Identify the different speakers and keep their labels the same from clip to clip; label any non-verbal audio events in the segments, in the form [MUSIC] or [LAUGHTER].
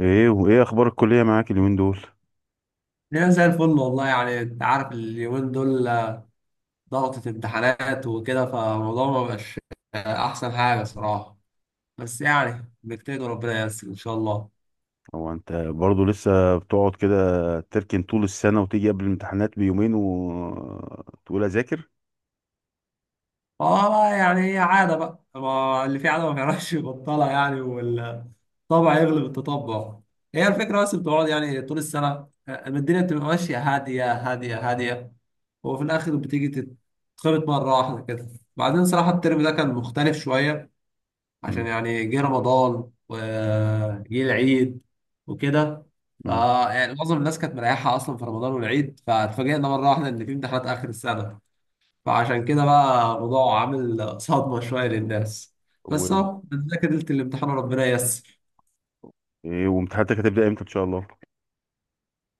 Speaker 1: ايه، وايه اخبار الكلية معاك اليومين دول؟
Speaker 2: ليه؟ زي الفل والله، يعني انت عارف اليومين دول ضغطة امتحانات وكده، فالموضوع ما بقاش احسن حاجة صراحة. بس يعني بنجتهد وربنا ييسر ان شاء الله.
Speaker 1: هو انت برضو لسه بتقعد كده، تركن طول السنة وتيجي قبل الامتحانات بيومين وتقول اذاكر؟
Speaker 2: اه، يعني هي عادة بقى، ما اللي فيه عادة ما بيعرفش يبطلها يعني، والطبع يغلب التطبع. هي الفكرة، بس بتقعد يعني طول السنة، الدنيا بتبقى ماشية هادية هادية هادية، وفي الآخر بتيجي تتخبط مرة واحدة كده. بعدين صراحة الترم ده كان مختلف شوية، عشان
Speaker 1: مم.
Speaker 2: يعني جه رمضان وجه العيد وكده.
Speaker 1: مم.
Speaker 2: فيعني معظم الناس كانت مريحة أصلا في رمضان والعيد، فاتفاجئنا مرة واحدة إن في امتحانات آخر السنة، فعشان كده بقى الموضوع عامل صدمة شوية للناس.
Speaker 1: و...
Speaker 2: بس أهو بنذاكر ليلة الامتحان وربنا ييسر.
Speaker 1: إيه وامتحاناتك هتبدأ امتى ان شاء الله؟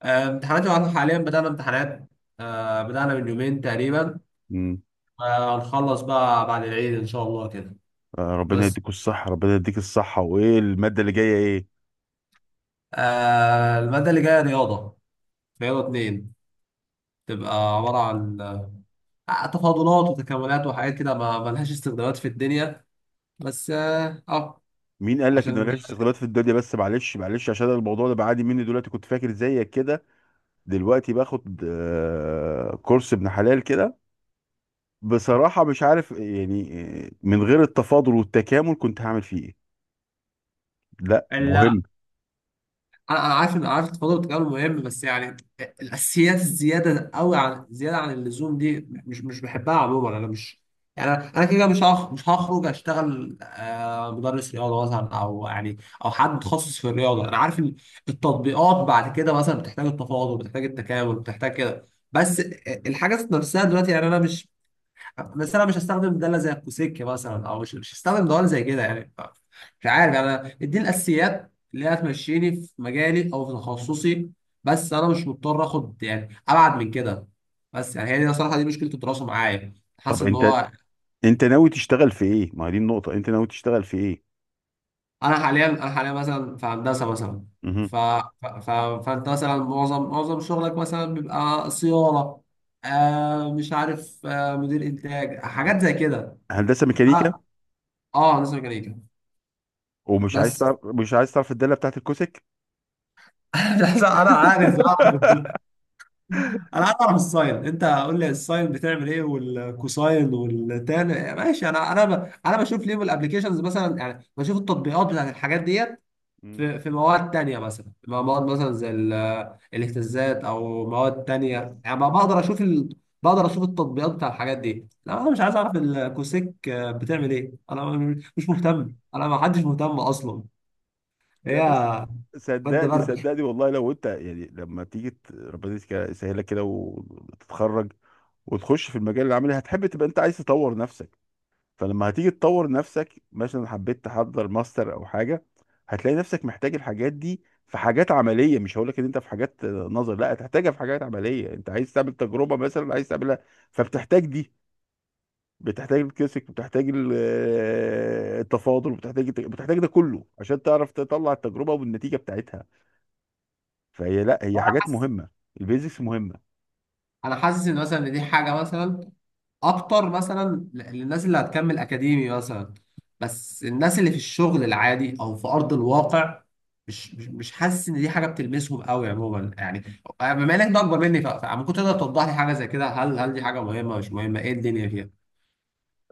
Speaker 2: آه، امتحاناتي، وأنا حاليا بدأنا امتحانات. آه، بدأنا من يومين تقريبا.
Speaker 1: مم.
Speaker 2: آه، هنخلص بقى بعد العيد إن شاء الله كده.
Speaker 1: آه، ربنا
Speaker 2: بس
Speaker 1: يديكوا الصحة، ربنا يديك الصحة، وايه المادة اللي جاية ايه؟
Speaker 2: المادة اللي جاية رياضة، رياضة اتنين، تبقى عبارة عن تفاضلات وتكاملات وحاجات كده ما لهاش استخدامات في الدنيا. بس
Speaker 1: مين قال لك ان
Speaker 2: عشان
Speaker 1: ملهاش استخدامات في الدنيا؟ بس معلش معلش، عشان أنا الموضوع ده بعاني مني دلوقتي، كنت فاكر زيك كده. دلوقتي باخد كورس ابن حلال كده. بصراحة مش عارف يعني. من غير التفاضل والتكامل كنت هعمل فيه ايه؟ لا
Speaker 2: لا،
Speaker 1: مهم.
Speaker 2: انا عارف ان التفاضل والتكامل مهم، بس يعني الاساسيات الزياده قوي، عن زياده عن اللزوم دي مش بحبها عموما. انا مش، يعني انا كده كده مش هخرج اشتغل مدرس رياضه مثلا، او يعني او حد متخصص في الرياضه. انا عارف ان التطبيقات بعد كده مثلا بتحتاج التفاضل، بتحتاج التكامل، بتحتاج كده. بس الحاجات نفسها دلوقتي، يعني انا مش، بس انا مش هستخدم داله زي الكوسكه مثلا، او مش هستخدم دوال زي كده يعني. مش عارف يعني، انا اديني الاساسيات اللي هتمشيني في مجالي او في تخصصي، بس انا مش مضطر اخد يعني ابعد من كده. بس يعني هي دي صراحه، دي مشكله الدراسه معايا،
Speaker 1: طب
Speaker 2: حاسس ان
Speaker 1: انت
Speaker 2: هو،
Speaker 1: انت ناوي تشتغل في ايه؟ ما هي دي النقطة، انت ناوي تشتغل في ايه؟
Speaker 2: انا حاليا مثلا في هندسه مثلا. ف...
Speaker 1: مهم.
Speaker 2: ف... ف... فانت مثلا معظم شغلك مثلا بيبقى صيانه، مش عارف، مدير انتاج، حاجات زي كده.
Speaker 1: هندسة ميكانيكا.
Speaker 2: اه، هندسه ميكانيكا.
Speaker 1: ومش عايز
Speaker 2: بس.
Speaker 1: تعرف، مش عايز تعرف الدالة بتاعت الكوسك؟
Speaker 2: [LAUGHS] مش عايز.
Speaker 1: [LAUGHS]
Speaker 2: انا عارف اعرف الساين، انت قول لي الساين بتعمل ايه والكوساين والتان، ماشي. انا بشوف ليهم الابلكيشنز مثلا، يعني بشوف التطبيقات بتاعت الحاجات ديت.
Speaker 1: مم.
Speaker 2: في مواد تانية، مثلا مواد مثلا زي الاهتزازات، او مواد
Speaker 1: بس
Speaker 2: تانية، يعني
Speaker 1: اه،
Speaker 2: بقدر اشوف التطبيقات بتاع الحاجات دي. لا، انا
Speaker 1: اه.
Speaker 2: مش عايز اعرف الكوسيك بتعمل ايه، انا مش مهتم. ما حدش مهتم اصلا.
Speaker 1: لا
Speaker 2: هي
Speaker 1: بس
Speaker 2: ماده
Speaker 1: صدقني،
Speaker 2: برد.
Speaker 1: والله، لو انت يعني لما تيجي ربنا يسهلك كده وتتخرج، وتخش في المجال العملي، هتحب تبقى انت عايز تطور نفسك. فلما هتيجي تطور نفسك، مثلا حبيت تحضر ماستر او حاجه، هتلاقي نفسك محتاج الحاجات دي. في حاجات عمليه، مش هقول لك ان انت في حاجات نظر، لا هتحتاجها في حاجات عمليه، انت عايز تعمل تجربه مثلا، عايز تعملها. فبتحتاج دي، بتحتاج الكلاسيك، بتحتاج التفاضل، بتحتاج ده كله عشان تعرف تطلع التجربه والنتيجه بتاعتها. فهي لا هي حاجات مهمه، البيزكس مهمه.
Speaker 2: انا حاسس ان مثلا إن دي حاجه مثلا اكتر مثلا للناس اللي هتكمل اكاديمي مثلا، بس الناس اللي في الشغل العادي او في ارض الواقع، مش حاسس ان دي حاجه بتلمسهم قوي عموما يعني. بما انك ده اكبر مني، فممكن تقدر توضح لي حاجه زي كده، هل دي حاجه مهمه مش مهمه؟ ايه الدنيا فيها؟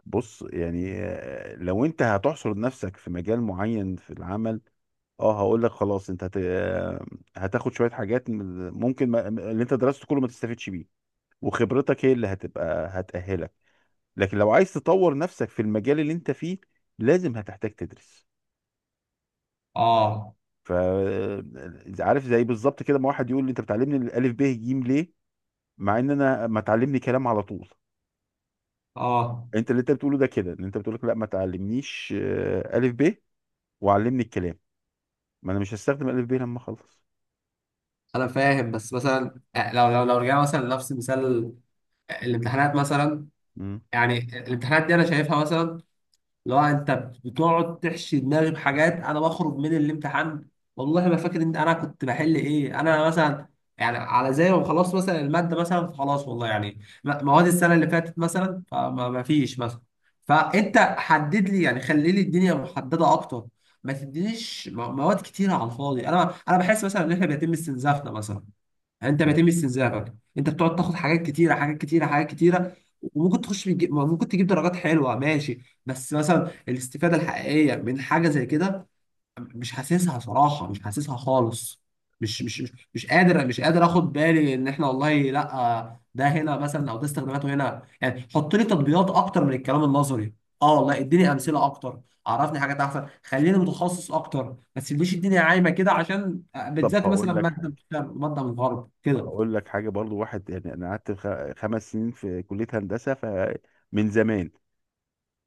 Speaker 1: بص يعني، لو انت هتحصر نفسك في مجال معين في العمل، اه هقول لك خلاص، انت هت... آه، هتاخد شويه حاجات، ممكن ما... اللي انت درسته كله ما تستفيدش بيه، وخبرتك هي اللي هتبقى هتأهلك. لكن لو عايز تطور نفسك في المجال اللي انت فيه، لازم هتحتاج تدرس.
Speaker 2: اه،
Speaker 1: ف آه، عارف زي بالظبط كده، ما واحد يقول لي انت بتعلمني الالف ب ج ليه، مع ان انا ما تعلمني كلام على طول.
Speaker 2: اه،
Speaker 1: انت اللي انت بتقوله ده كده، ان انت بتقول لك لا ما تعلمنيش الف ب، وعلمني الكلام، ما انا مش هستخدم الف ب لما اخلص.
Speaker 2: انا فاهم. بس مثلا لو رجعنا مثلا لنفس مثال الامتحانات مثلا،
Speaker 1: مم.
Speaker 2: يعني الامتحانات دي انا شايفها مثلا، لو انت بتقعد تحشي دماغي بحاجات، انا بخرج من الامتحان والله ما فاكر ان انا كنت بحل ايه، انا مثلا، يعني على زي ما خلاص مثلا الماده مثلا خلاص، والله يعني مواد السنه اللي فاتت مثلا، فما ما فيش مثلا. فانت حدد لي يعني، خلي لي الدنيا محدده اكتر. ما تدينيش مواد كتيره على الفاضي. انا بحس مثلا ان احنا بيتم استنزافنا مثلا، يعني انت
Speaker 1: مم.
Speaker 2: بيتم استنزافك، انت بتقعد تاخد حاجات كتيره حاجات كتيره حاجات كتيره. وممكن ممكن تجيب درجات حلوه، ماشي، بس مثلا الاستفاده الحقيقيه من حاجه زي كده، مش حاسسها صراحه، مش حاسسها خالص. مش قادر، مش قادر اخد بالي ان احنا والله لا، ده هنا مثلا او ده استخداماته هنا يعني. حط لي تطبيقات اكتر من الكلام النظري. اه والله، اديني امثله اكتر، عرفني حاجات احسن، خليني متخصص اكتر. ما تسيبليش الدنيا عايمه كده، عشان
Speaker 1: طب
Speaker 2: بتذاكر
Speaker 1: هقول
Speaker 2: مثلا
Speaker 1: لك
Speaker 2: ماده من
Speaker 1: حاجه،
Speaker 2: الشرق ماده من الغرب كده.
Speaker 1: برضو، واحد يعني، انا قعدت خمس سنين في كليه هندسه، فمن زمان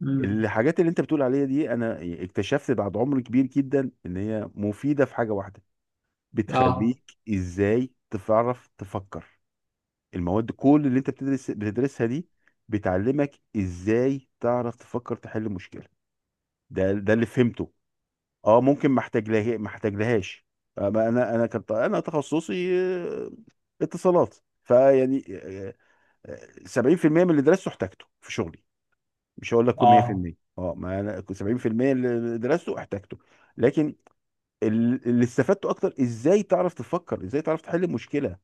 Speaker 2: امم.
Speaker 1: الحاجات اللي انت بتقول عليها دي، انا اكتشفت بعد عمر كبير جدا ان هي مفيده في حاجه واحده:
Speaker 2: اه.
Speaker 1: بتخليك ازاي تعرف تفكر. المواد كل اللي انت بتدرس بتدرسها دي، بتعلمك ازاي تعرف تفكر، تحل مشكله. ده اللي فهمته. اه، ممكن ما احتاجلهاش. انا تخصصي آه، اتصالات. فيعني آه، 70% من اللي درسته احتاجته في شغلي، مش هقول لك
Speaker 2: اه.
Speaker 1: 100%. اه، ما انا كنت 70% اللي درسته احتاجته. لكن اللي استفدته اكتر، ازاي تعرف تفكر، ازاي تعرف تحل المشكله.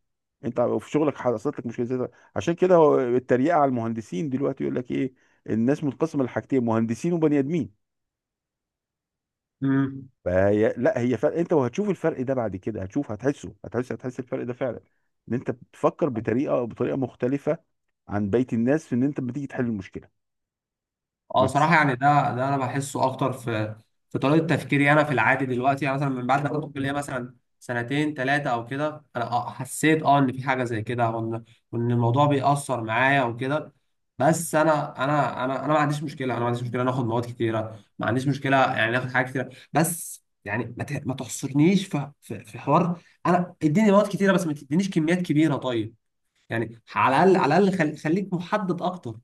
Speaker 1: انت في شغلك حصلت لك مشكله، عشان كده، هو التريقه على المهندسين دلوقتي، يقول لك ايه، الناس منقسمه لحاجتين: مهندسين وبني ادمين.
Speaker 2: امم.
Speaker 1: فهي لا هي فرق، انت وهتشوف الفرق ده بعد كده، هتحسه، هتحس الفرق ده فعلا، ان انت بتفكر بطريقه مختلفه عن بقيه الناس في ان انت بتيجي تحل المشكله.
Speaker 2: اه، صراحه يعني، ده انا بحسه اكتر في طريقه تفكيري انا في العادي دلوقتي، يعني مثلا من بعد ما كنت الكليه مثلا سنتين ثلاثه او كده، انا حسيت ان في حاجه زي كده، وان الموضوع بيأثر معايا وكده. بس انا ما عنديش مشكله، انا ما عنديش مشكله ناخد مواد كتيره، ما عنديش مشكله يعني ناخد حاجات كتيره، بس يعني ما تحصرنيش في حوار. انا اديني مواد كتيره، بس ما تدينيش كميات كبيره، طيب؟ يعني على الاقل، على الاقل خليك محدد اكتر.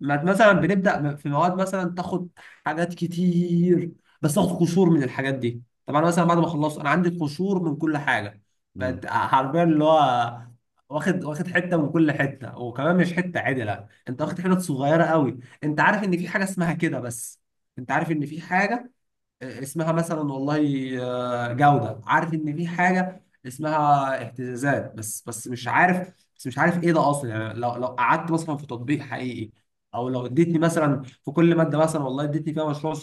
Speaker 2: مثلا بنبدا في مواد مثلا، تاخد حاجات كتير، بس تاخد قشور من الحاجات دي. طب انا مثلا بعد ما خلصت انا عندي قشور من كل حاجه،
Speaker 1: مم.
Speaker 2: بقت حرفيا اللي هو واخد حته من كل حته، وكمان مش حته عدله، انت واخد حتت صغيره قوي. انت عارف ان في حاجه اسمها كده بس، انت عارف ان في حاجه اسمها مثلا والله جودة، عارف ان في حاجة اسمها اهتزازات، بس مش عارف، بس مش عارف ايه ده اصلا. يعني لو قعدت مثلا في تطبيق حقيقي، او لو اديتني مثلا في كل مادة مثلا، والله اديتني فيها مشروع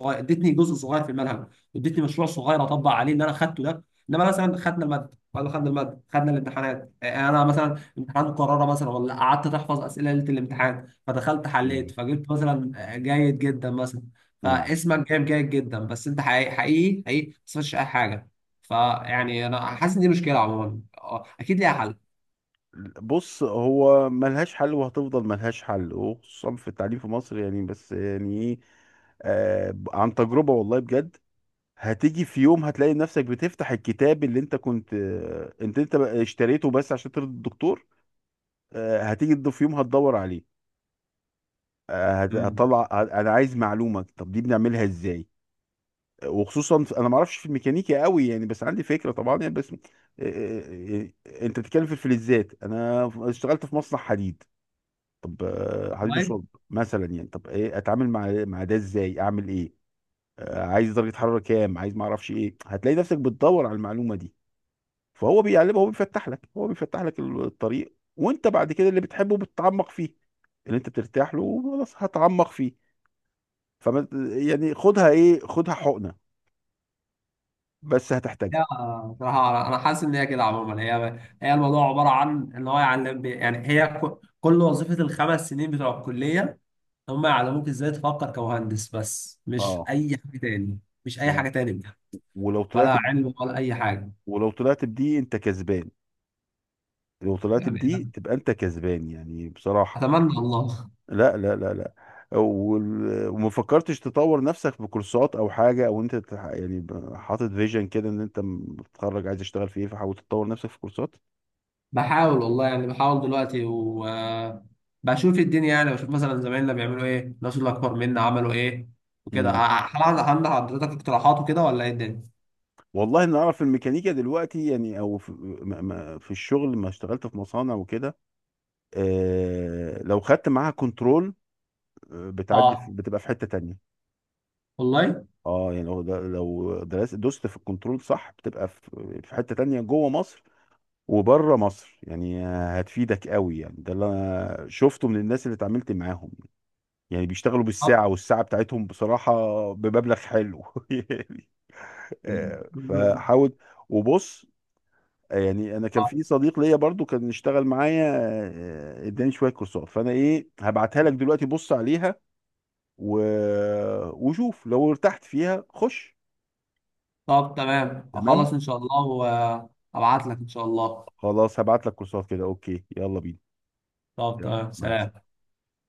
Speaker 2: صغير، ادتني جزء صغير في المنهج، ادتني مشروع صغير اطبق عليه اللي انا خدته ده. انما مثلا خدنا الماده، ولا خدنا الماده خدنا الامتحانات، يعني انا مثلا امتحان مكرره مثلا، ولا قعدت تحفظ اسئله ليله الامتحان، فدخلت حليت
Speaker 1: مم.
Speaker 2: فجبت مثلا جيد جدا مثلا.
Speaker 1: مم.
Speaker 2: فاسمك جايب جيد جدا، بس انت حقيقي حقيقي حقيقي ما استفدتش اي حاجه. فيعني انا حاسس ان دي مشكله عموما، اكيد ليها حل.
Speaker 1: بص، هو ملهاش حل وهتفضل ملهاش حل، وخصوصا في التعليم في مصر يعني، بس يعني ايه، آه عن تجربة، والله بجد. هتيجي في يوم هتلاقي نفسك بتفتح الكتاب اللي انت كنت، انت بقى اشتريته بس عشان ترضي الدكتور. هتيجي في يوم هتدور عليه،
Speaker 2: امم.
Speaker 1: انا عايز معلومة، طب دي بنعملها ازاي؟ وخصوصا انا ما اعرفش في الميكانيكا قوي يعني، بس عندي فكره طبعا يعني، بس آه، آه، آه، انت بتتكلم في الفلزات، انا اشتغلت في مصنع حديد. طب حديد وصلب مثلا يعني، طب ايه اتعامل مع ده ازاي، اعمل ايه؟ عايز درجه حراره كام، عايز ما اعرفش ايه، هتلاقي نفسك بتدور على المعلومه دي. فهو بيعلمك، هو بيفتح لك الطريق، وانت بعد كده اللي بتحبه بتتعمق فيه، اللي انت بترتاح له خلاص هتعمق فيه. فما يعني، خدها ايه، خدها حقنه، بس
Speaker 2: لا،
Speaker 1: هتحتاجها.
Speaker 2: بصراحة أنا حاسس إن هي كده عموما، هي الموضوع عبارة عن إن هو يعلم، يعني هي كل وظيفة الـ 5 سنين بتوع الكلية، هم يعلموك إزاي تفكر كمهندس، بس مش
Speaker 1: اه.
Speaker 2: أي حاجة تاني. مش أي حاجة تاني بجد،
Speaker 1: ولو طلعت
Speaker 2: ولا
Speaker 1: ب...
Speaker 2: علم ولا أي حاجة.
Speaker 1: ولو طلعت بدي انت كسبان، لو طلعت
Speaker 2: يعني،
Speaker 1: بدي تبقى انت كسبان يعني، بصراحة.
Speaker 2: أتمنى الله.
Speaker 1: لا، لا، لا، لا. وما فكرتش تطور نفسك بكورسات او حاجة، او انت يعني حاطط فيجن كده ان انت بتتخرج عايز تشتغل في ايه، فحاول تطور نفسك في كورسات.
Speaker 2: بحاول والله، يعني بحاول دلوقتي وبشوف الدنيا، يعني بشوف مثلا زمايلنا بيعملوا إيه، الناس اللي أكبر منا عملوا إيه وكده.
Speaker 1: امم،
Speaker 2: هل عندك حضرتك اقتراحات وكده، ولا إيه الدنيا؟
Speaker 1: والله، إن اعرف الميكانيكا دلوقتي يعني، او في، في الشغل ما اشتغلت في مصانع وكده. آه، لو خدت معاها كنترول، بتعدي
Speaker 2: اه
Speaker 1: بتبقى في حتة تانية.
Speaker 2: والله.
Speaker 1: اه يعني هو ده، لو درست دوست في الكنترول صح، بتبقى في حتة تانية جوه مصر وبره مصر يعني، هتفيدك قوي يعني، ده اللي انا شفته من الناس اللي اتعاملت معاهم. يعني بيشتغلوا بالساعة، والساعة بتاعتهم بصراحة بمبلغ حلو [LAUGHS] يعني. فحاول. وبص، يعني انا كان في صديق ليا برضو كان اشتغل معايا، اداني شوية كورسات، فانا ايه، هبعتها لك دلوقتي بص عليها. و... وشوف لو ارتحت فيها خش.
Speaker 2: طب تمام،
Speaker 1: تمام،
Speaker 2: اخلص ان شاء الله وابعت لك ان شاء الله.
Speaker 1: خلاص هبعت لك كورسات كده، اوكي، يلا بينا.
Speaker 2: طب
Speaker 1: يلا،
Speaker 2: تمام،
Speaker 1: مع السلامة.
Speaker 2: سلام.